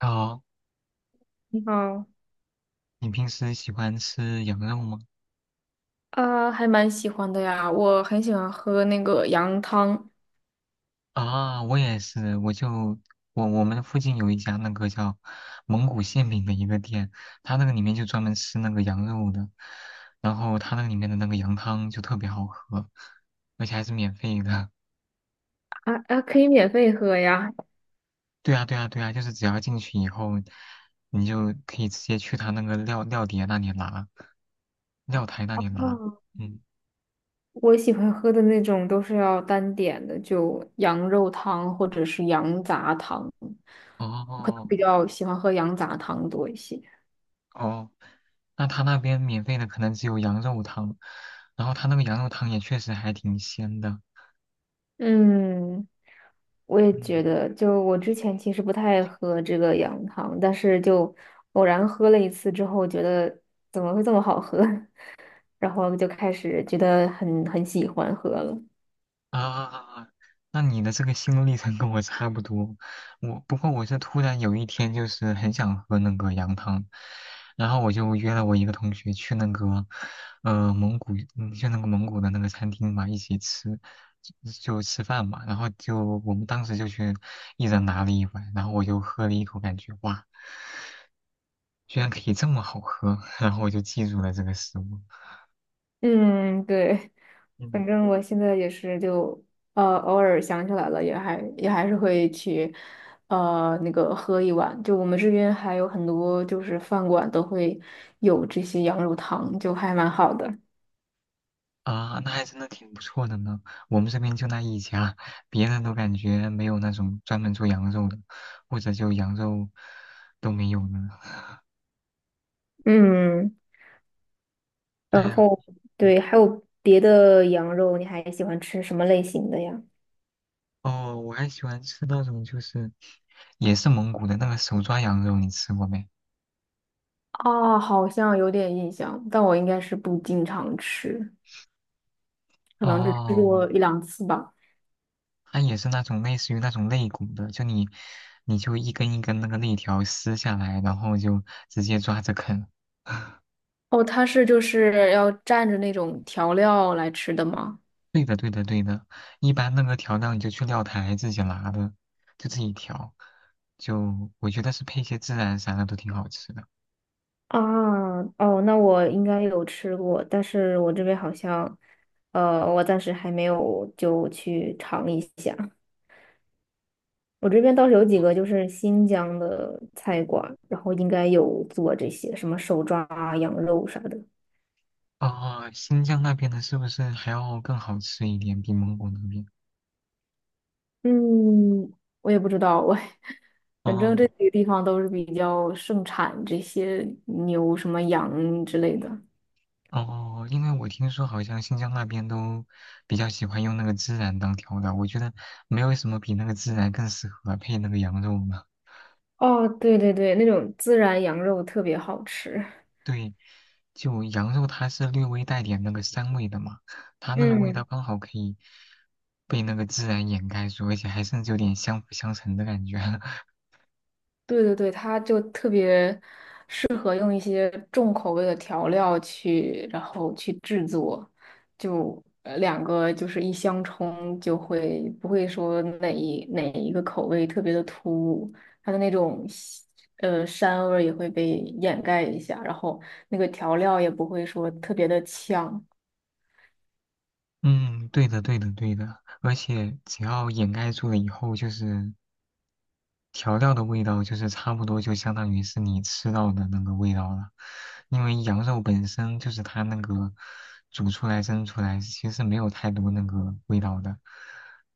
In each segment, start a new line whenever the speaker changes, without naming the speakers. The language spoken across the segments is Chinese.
哦，
你好，
你平时喜欢吃羊肉吗？
啊，还蛮喜欢的呀，我很喜欢喝那个羊汤。
啊，我也是，我就我们附近有一家那个叫蒙古馅饼的一个店，它那个里面就专门吃那个羊肉的，然后它那个里面的那个羊汤就特别好喝，而且还是免费的。
啊啊，可以免费喝呀。
对啊，对啊，对啊，就是只要进去以后，你就可以直接去他那个料碟那里拿，料台那
啊，
里拿。嗯，
我喜欢喝的那种都是要单点的，就羊肉汤或者是羊杂汤。我可能
哦，
比较喜欢喝羊杂汤多一些。
哦，那他那边免费的可能只有羊肉汤，然后他那个羊肉汤也确实还挺鲜的。
嗯，我也觉
嗯，
得，就我之前其实不太喝这个羊汤，但是就偶然喝了一次之后，觉得怎么会这么好喝？然后就开始觉得很喜欢喝了。
啊，那你的这个心路历程跟我差不多，不过我是突然有一天就是很想喝那个羊汤，然后我就约了我一个同学去那个，蒙古，嗯，去那个蒙古的那个餐厅嘛，一起吃，就就吃饭嘛，然后就我们当时就去一人拿了一碗，然后我就喝了一口，感觉哇。居然可以这么好喝，然后我就记住了这个食物。
嗯，对，
嗯，
反正我现在也是就偶尔想起来了，也还是会去那个喝一碗。就我们这边还有很多就是饭馆都会有这些羊肉汤，就还蛮好的。
啊，那还真的挺不错的呢。我们这边就那一家，别人都感觉没有那种专门做羊肉的，或者就羊肉都没有呢。
嗯，
哎
然
呀，
后
嗯，
对，还有别的羊肉，你还喜欢吃什么类型的呀？
哦，我还喜欢吃那种就是也是蒙古的那个手抓羊肉，你吃过没？
啊，好像有点印象，但我应该是不经常吃，可能只吃
哦，
过一两次吧。
它也是那种类似于那种肋骨的，就你就一根一根那个肋条撕下来，然后就直接抓着啃。
哦，它是就是要蘸着那种调料来吃的吗？
对的，对的，对的。一般那个调料你就去料台自己拿的，就自己调。就我觉得是配一些孜然啥的都挺好吃的。
啊，哦，那我应该有吃过，但是我这边好像，我暂时还没有就去尝一下。我这边倒是有几个就是新疆的菜馆，然后应该有做这些什么手抓啊羊肉啥的。
哦，新疆那边的是不是还要更好吃一点，比蒙古那边？
嗯，我也不知道，我反正
哦
这几个地方都是比较盛产这些牛、什么羊之类的。
哦，因为我听说好像新疆那边都比较喜欢用那个孜然当调料，我觉得没有什么比那个孜然更适合配那个羊肉了。
哦，对对对，那种孜然羊肉特别好吃。
对，就羊肉它是略微带点那个膻味的嘛，它那个味道
嗯，
刚好可以被那个孜然掩盖住，而且还甚至有点相辅相成的感觉。
对对对，它就特别适合用一些重口味的调料去，然后去制作，就两个就是一相冲，就会不会说哪一个口味特别的突兀，它的那种膻味儿也会被掩盖一下，然后那个调料也不会说特别的呛。
嗯，对的，对的，对的。而且只要掩盖住了以后，就是调料的味道就是差不多就相当于是你吃到的那个味道了，因为羊肉本身就是它那个煮出来蒸出来其实没有太多那个味道的，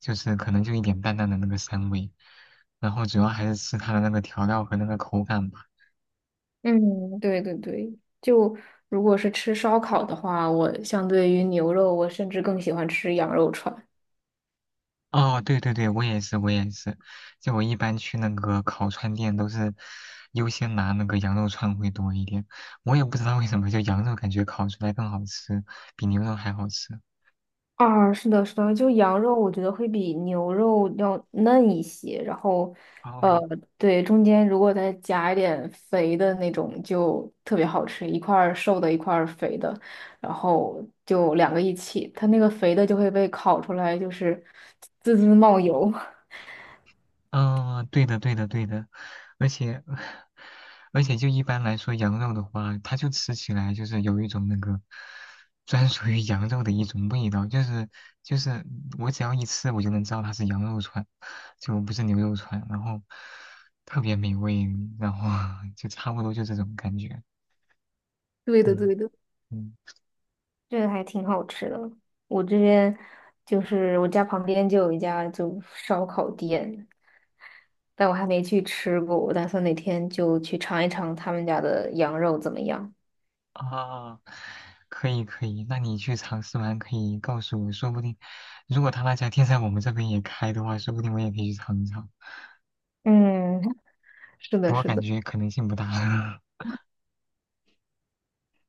就是可能就一点淡淡的那个膻味，然后主要还是吃它的那个调料和那个口感吧。
嗯，对对对，就如果是吃烧烤的话，我相对于牛肉，我甚至更喜欢吃羊肉串。
哦，对对对，我也是，我也是，就我一般去那个烤串店都是优先拿那个羊肉串会多一点，我也不知道为什么，就羊肉感觉烤出来更好吃，比牛肉还好吃。
啊，是的，是的，就羊肉，我觉得会比牛肉要嫩一些，然后，呃，
哦，
对，中间如果再加一点肥的那种，就特别好吃，一块儿瘦的，一块儿肥的，然后就两个一起，它那个肥的就会被烤出来，就是滋滋冒油。
嗯，对的，对的，对的，而且，而且就一般来说，羊肉的话，它就吃起来就是有一种那个专属于羊肉的一种味道，就是我只要一吃，我就能知道它是羊肉串，就不是牛肉串，然后特别美味，然后 就差不多就这种感觉，
对的，
嗯。
对的。
嗯，
这个还挺好吃的。我这边就是我家旁边就有一家就烧烤店，但我还没去吃过，我打算哪天就去尝一尝他们家的羊肉怎么样。
啊，可以可以，那你去尝试完可以告诉我，说不定如果他那家店在我们这边也开的话，说不定我也可以去尝一尝。
嗯，是
不
的，
过
是
感
的。
觉可能性不大。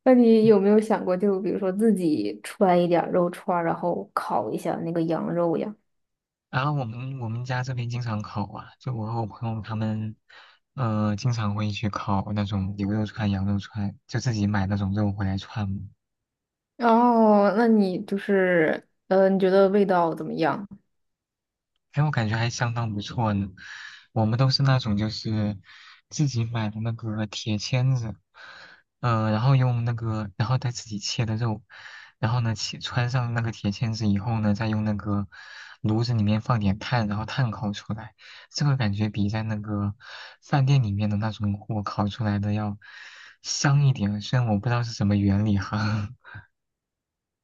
那你有没
嗯，
有想过，就比如说自己揣一点儿肉串儿，然后烤一下那个羊肉呀？
然后我们家这边经常烤啊，就我和我朋友他们，经常会去烤那种牛肉串、羊肉串，就自己买那种肉回来串。
哦，那你就是，嗯，你觉得味道怎么样？
哎，我感觉还相当不错呢。我们都是那种就是自己买的那个铁签子，然后用那个，然后再自己切的肉，然后呢，切穿上那个铁签子以后呢，再用那个炉子里面放点炭，然后炭烤出来，这个感觉比在那个饭店里面的那种火烤出来的要香一点。虽然我不知道是什么原理哈。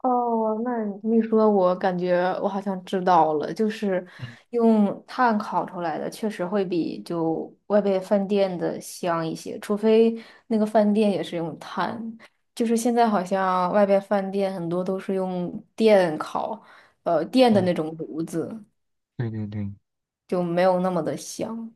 哦，那你一说，我感觉我好像知道了，就是
嗯，
用炭烤出来的，确实会比就外边饭店的香一些，除非那个饭店也是用炭。就是现在好像外边饭店很多都是用电烤，电的
嗯，
那种炉子，
对对对。
就没有那么的香。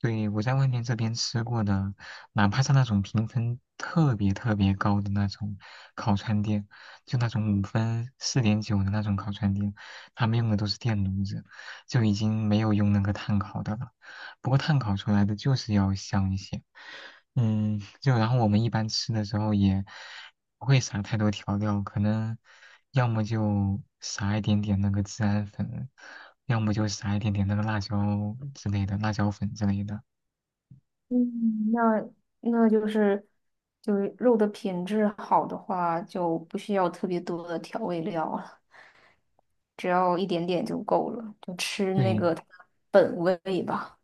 对，我在外面这边吃过的，哪怕是那种评分特别特别高的那种烤串店，就那种五分、四点九的那种烤串店，他们用的都是电炉子，就已经没有用那个炭烤的了。不过炭烤出来的就是要香一些。嗯，就然后我们一般吃的时候也不会撒太多调料，可能要么就撒一点点那个孜然粉，要么就撒一点点那个辣椒之类的，辣椒粉之类的。
嗯，那那就是就是肉的品质好的话，就不需要特别多的调味料了。只要一点点就够了，就吃那
对，
个它的本味吧。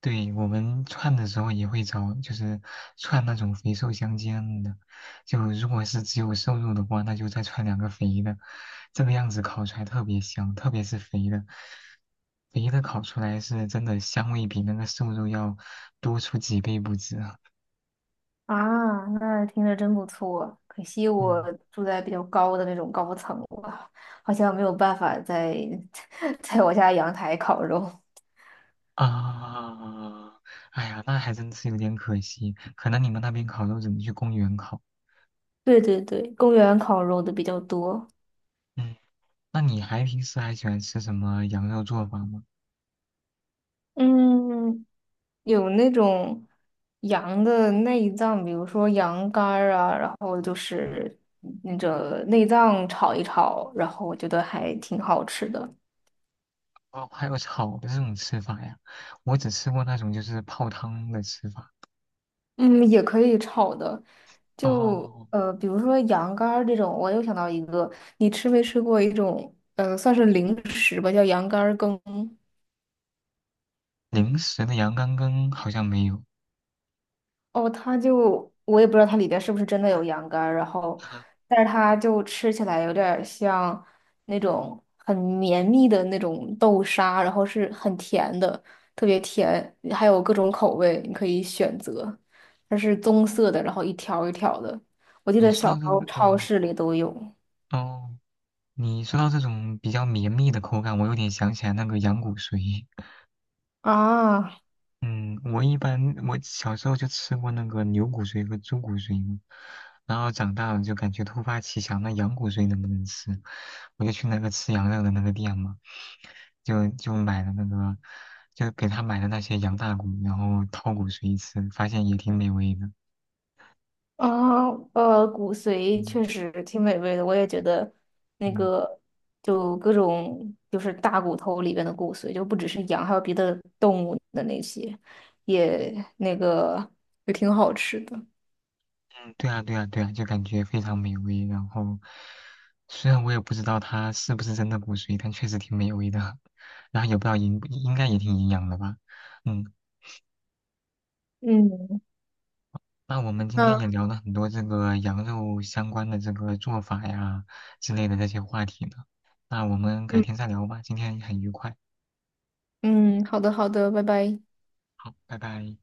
对，我们串的时候也会找，就是串那种肥瘦相间的。就如果是只有瘦肉的话，那就再串两个肥的，这个样子烤出来特别香，特别是肥的，肥的烤出来是真的香味比那个瘦肉要多出几倍不止啊。
啊，那听着真不错。可惜我
嗯。
住在比较高的那种高层了，好像没有办法在 在我家阳台烤肉。
啊，哎呀，那还真是有点可惜。可能你们那边烤肉只能去公园烤。
对对对，公园烤肉的比较多。
嗯，那你还平时还喜欢吃什么羊肉做法吗？
嗯，有那种羊的内脏，比如说羊肝儿啊，然后就是那个内脏炒一炒，然后我觉得还挺好吃的。
哦，还有炒的这种吃法呀？我只吃过那种就是泡汤的吃法。
嗯，也可以炒的，就
哦，
比如说羊肝儿这种，我又想到一个，你吃没吃过一种，算是零食吧，叫羊肝儿羹。
零食的羊肝羹好像没有。
哦，它就我也不知道它里边是不是真的有羊肝儿，然后，
啊，
但是它就吃起来有点儿像那种很绵密的那种豆沙，然后是很甜的，特别甜，还有各种口味你可以选择，它是棕色的，然后一条儿一条儿的，我记
你
得
说
小
到
时
这
候
个，
超
哦，
市里都有。
哦，你说到这种比较绵密的口感，我有点想起来那个羊骨髓。
啊
嗯，我一般我小时候就吃过那个牛骨髓和猪骨髓嘛，然后长大了就感觉突发奇想，那羊骨髓能不能吃？我就去那个吃羊肉的那个店嘛，就买了那个，就给他买了那些羊大骨，然后掏骨髓吃，发现也挺美味的。
啊，骨髓
嗯，
确实挺美味的，我也觉得那
嗯，
个就各种就是大骨头里边的骨髓，就不只是羊，还有别的动物的那些，也那个也挺好吃的。
嗯，对啊对啊对啊，就感觉非常美味。然后虽然我也不知道它是不是真的骨髓，但确实挺美味的，然后也不知道应该也挺营养的吧。嗯。
嗯，
那我们今天也
那
聊了很多这个羊肉相关的这个做法呀之类的这些话题呢，那我们改
嗯
天再聊吧，今天很愉快，
嗯，好的好的，拜拜。
好，拜拜。